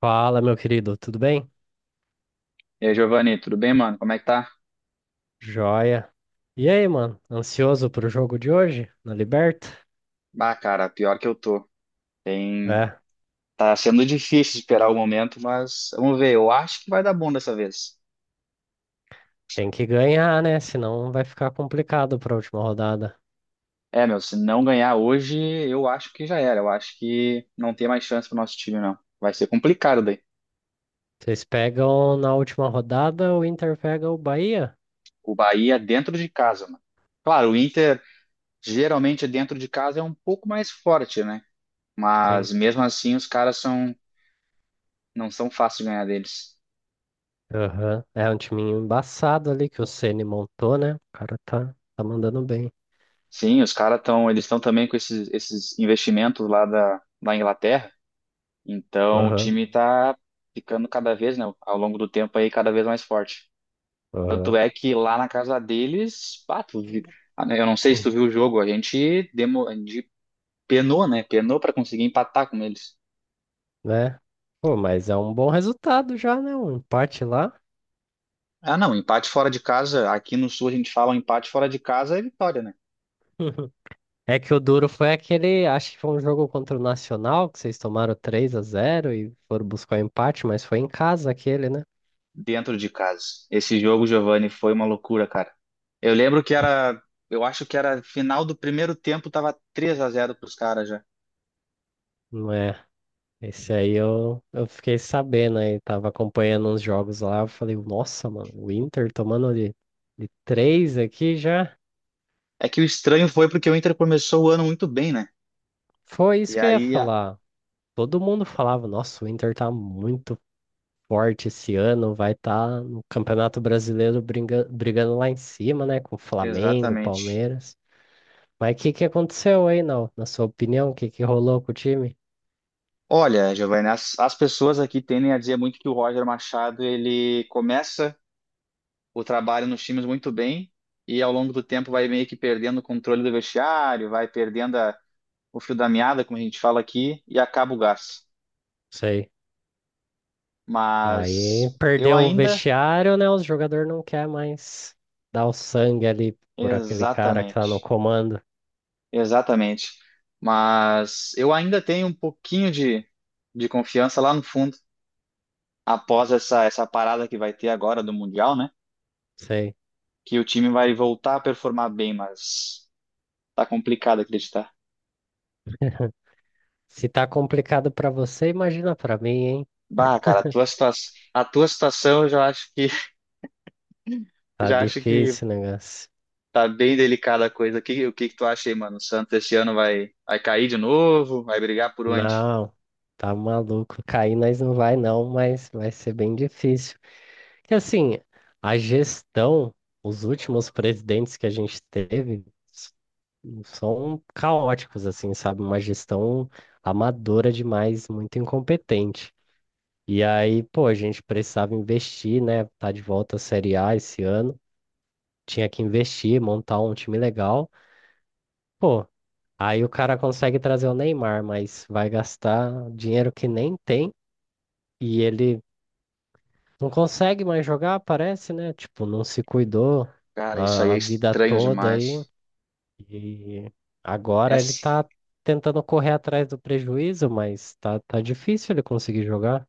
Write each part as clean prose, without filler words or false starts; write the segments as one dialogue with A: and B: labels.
A: Fala, meu querido, tudo bem?
B: E aí, Giovanni, tudo bem, mano? Como é que tá?
A: Joia. E aí, mano? Ansioso pro jogo de hoje, na Liberta?
B: Ah, cara, pior que eu tô. Tem...
A: É,
B: Tá sendo difícil esperar o momento, mas vamos ver. Eu acho que vai dar bom dessa vez.
A: tem que ganhar, né? Senão vai ficar complicado pra última rodada.
B: É, meu, se não ganhar hoje, eu acho que já era. Eu acho que não tem mais chance pro nosso time, não. Vai ser complicado daí.
A: Vocês pegam na última rodada, o Inter pega o Bahia?
B: O Bahia é dentro de casa, mano. Claro, o Inter geralmente dentro de casa é um pouco mais forte, né?
A: Sim.
B: Mas mesmo assim, os caras não são fáceis de ganhar deles.
A: Aham. É um timinho embaçado ali que o Ceni montou, né? O cara tá mandando bem.
B: Sim, os caras estão, eles estão também com esses investimentos lá da Inglaterra. Então o
A: Aham,
B: time tá ficando cada vez, né, ao longo do tempo aí cada vez mais forte. Tanto
A: aham.
B: é que lá na casa deles, pá, ah, né, eu não sei se
A: Hum,
B: tu viu o jogo, a gente penou, né? Penou para conseguir empatar com eles.
A: né? Pô, mas é um bom resultado já, né? Um empate lá.
B: Ah, não, empate fora de casa, aqui no Sul a gente fala empate fora de casa é vitória, né?
A: É que o duro foi aquele, acho que foi um jogo contra o Nacional, que vocês tomaram 3 a zero e foram buscar o empate, mas foi em casa aquele, né?
B: Dentro de casa. Esse jogo, Giovanni, foi uma loucura, cara. Eu lembro que era, eu acho que era final do primeiro tempo, tava três a 0 pros caras já.
A: Não é. Esse aí eu fiquei sabendo aí, tava acompanhando uns jogos lá, eu falei, nossa, mano, o Inter tomando de três aqui já.
B: É que o estranho foi porque o Inter começou o ano muito bem, né?
A: Foi isso
B: E
A: que eu ia
B: aí, a-
A: falar. Todo mundo falava, nossa, o Inter tá muito forte esse ano, vai estar no Campeonato Brasileiro brigando, brigando lá em cima, né? Com o Flamengo,
B: exatamente.
A: Palmeiras. Mas o que que aconteceu aí, não? Na sua opinião, o que que rolou com o time?
B: Olha, Giovanni, as pessoas aqui tendem a dizer muito que o Roger Machado, ele começa o trabalho nos times muito bem e ao longo do tempo vai meio que perdendo o controle do vestiário, vai perdendo o fio da meada, como a gente fala aqui, e acaba o gás.
A: Sei. Aí
B: Mas eu
A: perdeu o
B: ainda,
A: vestiário, né? Os jogadores não querem mais dar o sangue ali por aquele cara que tá no
B: exatamente,
A: comando.
B: exatamente. Mas eu ainda tenho um pouquinho de confiança lá no fundo, após essa parada que vai ter agora do Mundial, né?
A: Sei.
B: Que o time vai voltar a performar bem, mas tá complicado acreditar.
A: Se tá complicado pra você, imagina pra mim, hein?
B: Bah, cara, a tua situação eu já acho que
A: Tá
B: já acho que
A: difícil o negócio.
B: tá bem delicada a coisa. O que que tu acha aí, mano? O Santos esse ano vai cair de novo? Vai brigar por onde?
A: Não, tá maluco. Cair nós não vai não, mas vai ser bem difícil. Que assim, a gestão, os últimos presidentes que a gente teve, são caóticos, assim, sabe? Uma gestão amadora demais, muito incompetente. E aí, pô, a gente precisava investir, né? Tá de volta à Série A esse ano. Tinha que investir, montar um time legal. Pô, aí o cara consegue trazer o Neymar, mas vai gastar dinheiro que nem tem e ele não consegue mais jogar, parece, né? Tipo, não se cuidou
B: Cara, isso aí é
A: a vida
B: estranho
A: toda aí.
B: demais.
A: E agora ele
B: Essa,
A: tá tentando correr atrás do prejuízo, mas tá difícil ele conseguir jogar.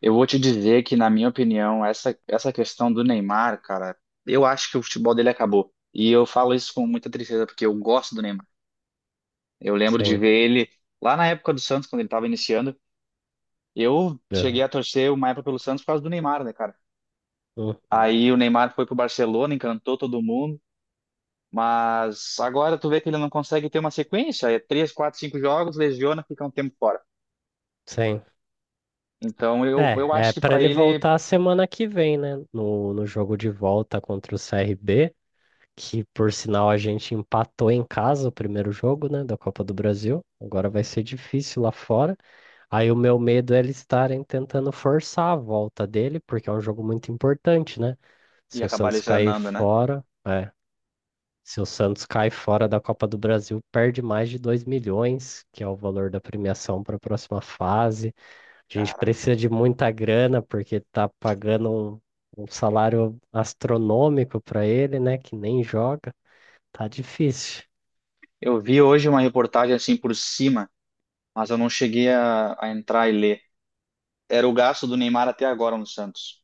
B: eu vou te dizer que, na minha opinião, essa questão do Neymar, cara, eu acho que o futebol dele acabou. E eu falo isso com muita tristeza, porque eu gosto do Neymar. Eu lembro de
A: Sim.
B: ver ele lá na época do Santos, quando ele estava iniciando. Eu cheguei
A: É.
B: a torcer uma época pelo Santos por causa do Neymar, né, cara?
A: Uhum.
B: Aí o Neymar foi pro Barcelona, encantou todo mundo, mas agora tu vê que ele não consegue ter uma sequência, é três, quatro, cinco jogos, lesiona, fica um tempo fora.
A: Sim.
B: Então eu,
A: É,
B: eu
A: é
B: acho que
A: para
B: pra
A: ele
B: ele
A: voltar semana que vem, né? No jogo de volta contra o CRB, que por sinal a gente empatou em casa o primeiro jogo, né, da Copa do Brasil. Agora vai ser difícil lá fora. Aí o meu medo é eles estarem tentando forçar a volta dele, porque é um jogo muito importante, né? Se
B: ia
A: o
B: acabar
A: Santos cair
B: lesionando, né?
A: fora. É, se o Santos cai fora da Copa do Brasil, perde mais de 2 milhões, que é o valor da premiação para a próxima fase. A gente precisa de muita grana, porque está pagando um salário astronômico para ele, né? Que nem joga. Tá difícil.
B: Eu vi hoje uma reportagem assim por cima, mas eu não cheguei a entrar e ler. Era o gasto do Neymar até agora no Santos.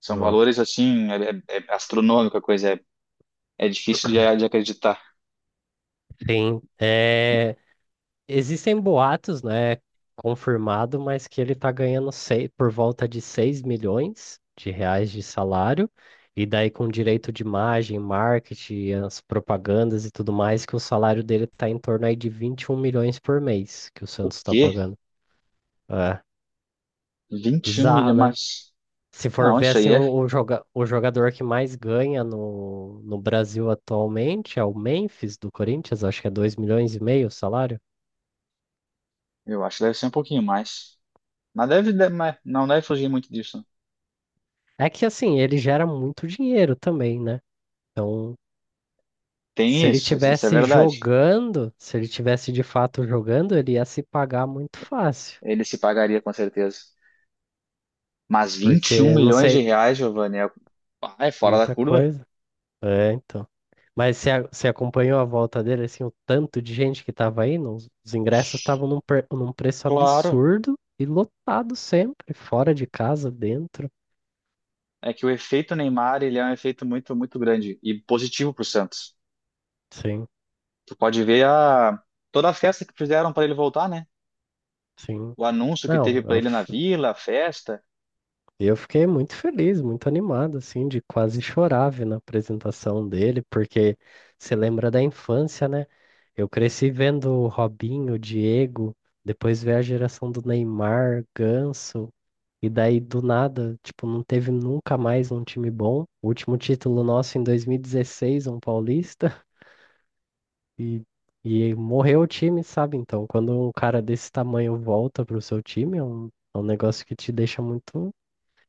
B: São
A: Ó,
B: valores assim, é astronômica a coisa, é difícil de acreditar.
A: sim. É. Existem boatos, né, confirmado, mas que ele está ganhando por volta de R$ 6 milhões de salário, e daí com direito de imagem, marketing, as propagandas e tudo mais, que o salário dele está em torno aí de 21 milhões por mês que o Santos está
B: Que?
A: pagando. É,
B: 21
A: bizarro,
B: milhões,
A: né? Se
B: mas
A: for
B: não,
A: ver
B: isso
A: assim,
B: aí é,
A: o jogador que mais ganha no Brasil atualmente é o Memphis do Corinthians, acho que é 2,5 milhões o salário.
B: eu acho que deve ser um pouquinho mais. Mas não deve fugir muito disso.
A: É que assim, ele gera muito dinheiro também, né? Então, se
B: Tem
A: ele
B: isso, isso é
A: tivesse
B: verdade.
A: jogando, se ele tivesse de fato jogando, ele ia se pagar muito fácil.
B: Ele se pagaria com certeza. Mas 21
A: Porque, não
B: milhões de
A: sei,
B: reais, Giovanni, é fora da
A: muita
B: curva?
A: coisa. É, então. Mas você, você acompanhou a volta dele, assim, o tanto de gente que tava aí, os ingressos estavam num, num preço
B: Claro.
A: absurdo e lotado sempre, fora de casa, dentro.
B: É que o efeito Neymar, ele é um efeito muito, muito grande e positivo para o Santos.
A: Sim,
B: Tu pode ver a toda a festa que fizeram para ele voltar, né?
A: sim.
B: O anúncio que teve
A: Não,
B: para ele na Vila, a festa.
A: e eu fiquei muito feliz, muito animado, assim, de quase chorar vendo a apresentação dele, porque você lembra da infância, né? Eu cresci vendo o Robinho, o Diego, depois ver a geração do Neymar, Ganso, e daí do nada, tipo, não teve nunca mais um time bom. O último título nosso em 2016, um paulista, e, e morreu o time, sabe? Então, quando um cara desse tamanho volta pro seu time, é um negócio que te deixa muito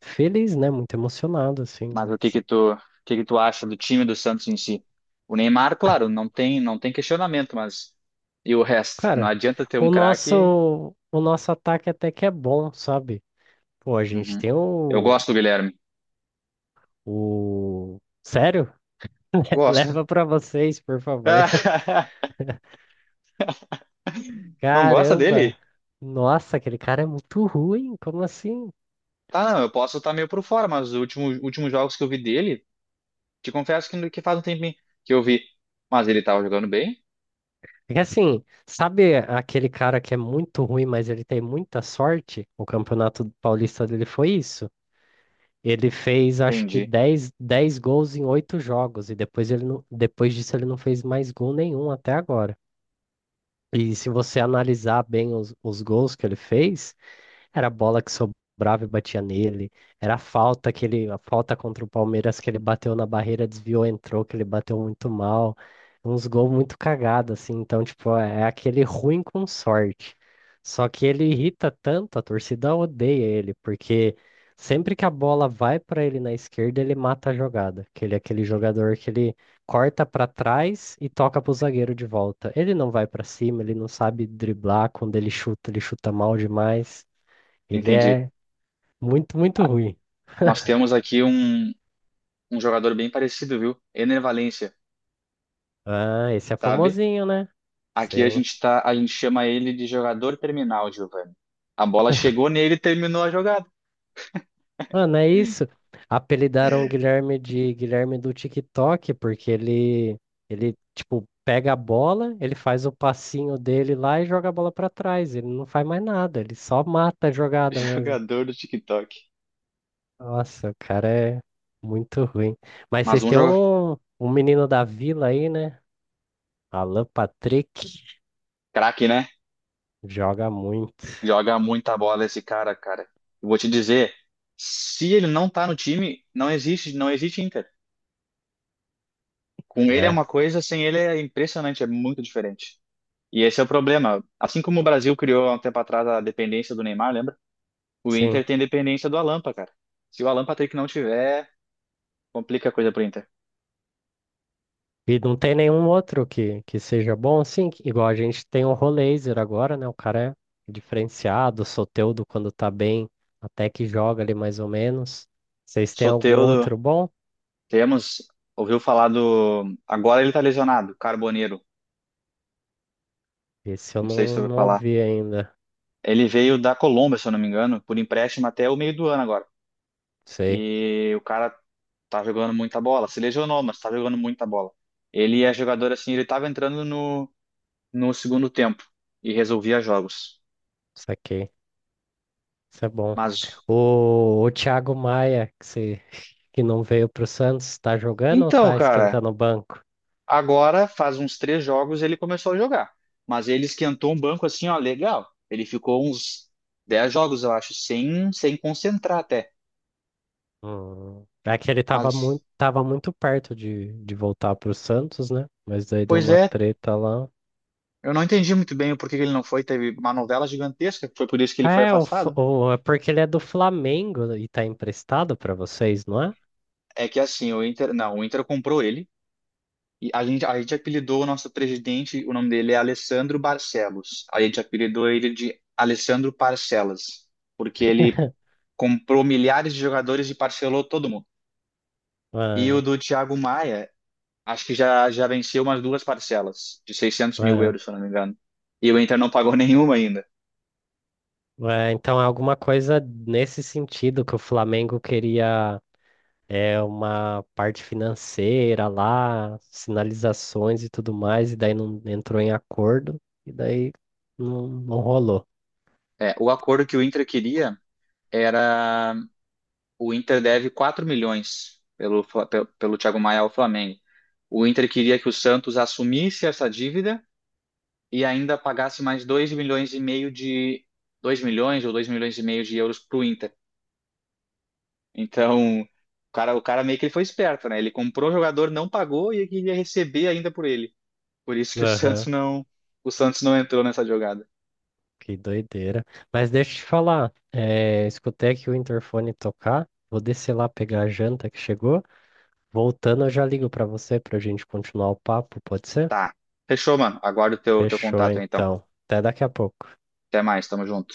A: feliz, né? Muito emocionado, assim,
B: Mas o que
A: mas,
B: que tu, o que que tu acha do time do Santos em si? O Neymar, claro, não tem questionamento, mas e o resto? Não
A: cara,
B: adianta ter um craque.
A: o nosso ataque até que é bom, sabe? Pô, a gente
B: Uhum.
A: tem
B: Eu gosto do Guilherme.
A: o... Sério?
B: Gosto.
A: Leva pra vocês, por favor.
B: Não gosta dele?
A: Caramba! Nossa, aquele cara é muito ruim, como assim?
B: Tá, não, eu posso estar meio por fora, mas os últimos jogos que eu vi dele. Te confesso que faz um tempinho que eu vi, mas ele tava jogando bem?
A: É que assim, sabe aquele cara que é muito ruim, mas ele tem muita sorte? O Campeonato Paulista dele foi isso? Ele fez acho que
B: Entendi,
A: 10 gols em 8 jogos, e depois, ele não, depois disso ele não fez mais gol nenhum até agora. E se você analisar bem os gols que ele fez, era a bola que sobrava e batia nele. Era a falta que ele, a falta contra o Palmeiras que ele bateu na barreira, desviou, entrou, que ele bateu muito mal. Uns gols muito cagados, assim. Então, tipo, é aquele ruim com sorte. Só que ele irrita tanto, a torcida odeia ele, porque sempre que a bola vai para ele na esquerda, ele mata a jogada. Que ele é aquele jogador que ele corta para trás e toca pro zagueiro de volta. Ele não vai para cima, ele não sabe driblar, quando ele chuta mal demais. Ele
B: entendi.
A: é muito ruim.
B: Nós temos aqui um jogador bem parecido, viu? Ener Valencia,
A: Ah, esse é
B: sabe?
A: famosinho, né?
B: Aqui
A: Sim.
B: a gente chama ele de jogador terminal, Giovanni. A bola chegou nele e terminou a jogada.
A: Mano, é isso. Apelidaram o Guilherme de Guilherme do TikTok, porque ele, tipo, pega a bola, ele faz o passinho dele lá e joga a bola pra trás. Ele não faz mais nada, ele só mata a jogada mesmo.
B: Jogador do TikTok.
A: Nossa, o cara é muito ruim. Mas
B: Mas
A: vocês
B: um
A: têm
B: jogador,
A: um, um menino da vila aí, né? Alan Patrick
B: craque, né?
A: joga muito,
B: Joga muita bola esse cara, cara. Eu vou te dizer, se ele não tá no time, não existe Inter. Com ele é
A: né?
B: uma coisa, sem ele é impressionante, é muito diferente. E esse é o problema. Assim como o Brasil criou há um tempo atrás a dependência do Neymar, lembra? O
A: Sim.
B: Inter tem dependência do Alan Patrick, cara. Se o Alan Patrick não tiver, complica a coisa pro Inter.
A: E não tem nenhum outro que seja bom, assim, que- igual a gente tem o Rolaser agora, né? O cara é diferenciado, o Soteldo quando tá bem, até que joga ali mais ou menos. Vocês têm algum
B: Soteldo,
A: outro bom?
B: temos. Ouviu falar do. Agora ele tá lesionado, Carboneiro.
A: Esse eu
B: Não sei se você ouviu
A: não
B: falar.
A: ouvi ainda.
B: Ele veio da Colômbia, se eu não me engano, por empréstimo até o meio do ano agora.
A: Sei,
B: E o cara tá jogando muita bola. Se lesionou, mas tá jogando muita bola. Ele é jogador assim, ele tava entrando no segundo tempo e resolvia jogos.
A: isso aqui. Isso é bom.
B: Mas
A: O Thiago Maia, que, se, que não veio pro Santos, tá jogando ou
B: Então,
A: tá
B: cara,
A: esquentando o banco?
B: agora faz uns três jogos ele começou a jogar. Mas ele esquentou um banco assim, ó, legal. Ele ficou uns 10 jogos, eu acho, sem concentrar até.
A: Hum. É que ele
B: Mas,
A: tava muito perto de voltar pro Santos, né? Mas daí deu
B: pois
A: uma
B: é,
A: treta lá.
B: eu não entendi muito bem o porquê que ele não foi. Teve uma novela gigantesca, foi por isso que ele foi
A: É, o,
B: afastado.
A: é porque ele é do Flamengo e tá emprestado pra vocês, não é?
B: É que assim, o Inter, não, o Inter comprou ele. E a gente apelidou o nosso presidente, o nome dele é Alessandro Barcelos. A gente apelidou ele de Alessandro Parcelas, porque ele comprou milhares de jogadores e parcelou todo mundo. E o
A: Ah,
B: do Thiago Maia, acho que já venceu umas duas parcelas de seiscentos mil
A: ah,
B: euros, se eu não me engano. E o Inter não pagou nenhuma ainda.
A: ah, então é alguma coisa nesse sentido que o Flamengo queria é uma parte financeira lá, sinalizações e tudo mais, e daí não entrou em acordo, e daí não rolou.
B: É, o acordo que o Inter queria era... O Inter deve 4 milhões pelo Thiago Maia ao Flamengo. O Inter queria que o Santos assumisse essa dívida e ainda pagasse mais 2,5 milhões de... 2 milhões ou 2,5 milhões de euros para o Inter. Então, o cara meio que ele foi esperto, né? Ele comprou o jogador, não pagou e queria receber ainda por ele. Por isso que o Santos
A: Aham,
B: não, o Santos não entrou nessa jogada.
A: que doideira. Mas deixa eu te falar, é, escutei aqui o interfone tocar, vou descer lá pegar a janta que chegou. Voltando, eu já ligo para você para a gente continuar o papo, pode ser?
B: Tá. Fechou, mano. Aguardo o teu
A: Fechou,
B: contato aí, então.
A: então. Até daqui a pouco.
B: Até mais, tamo junto.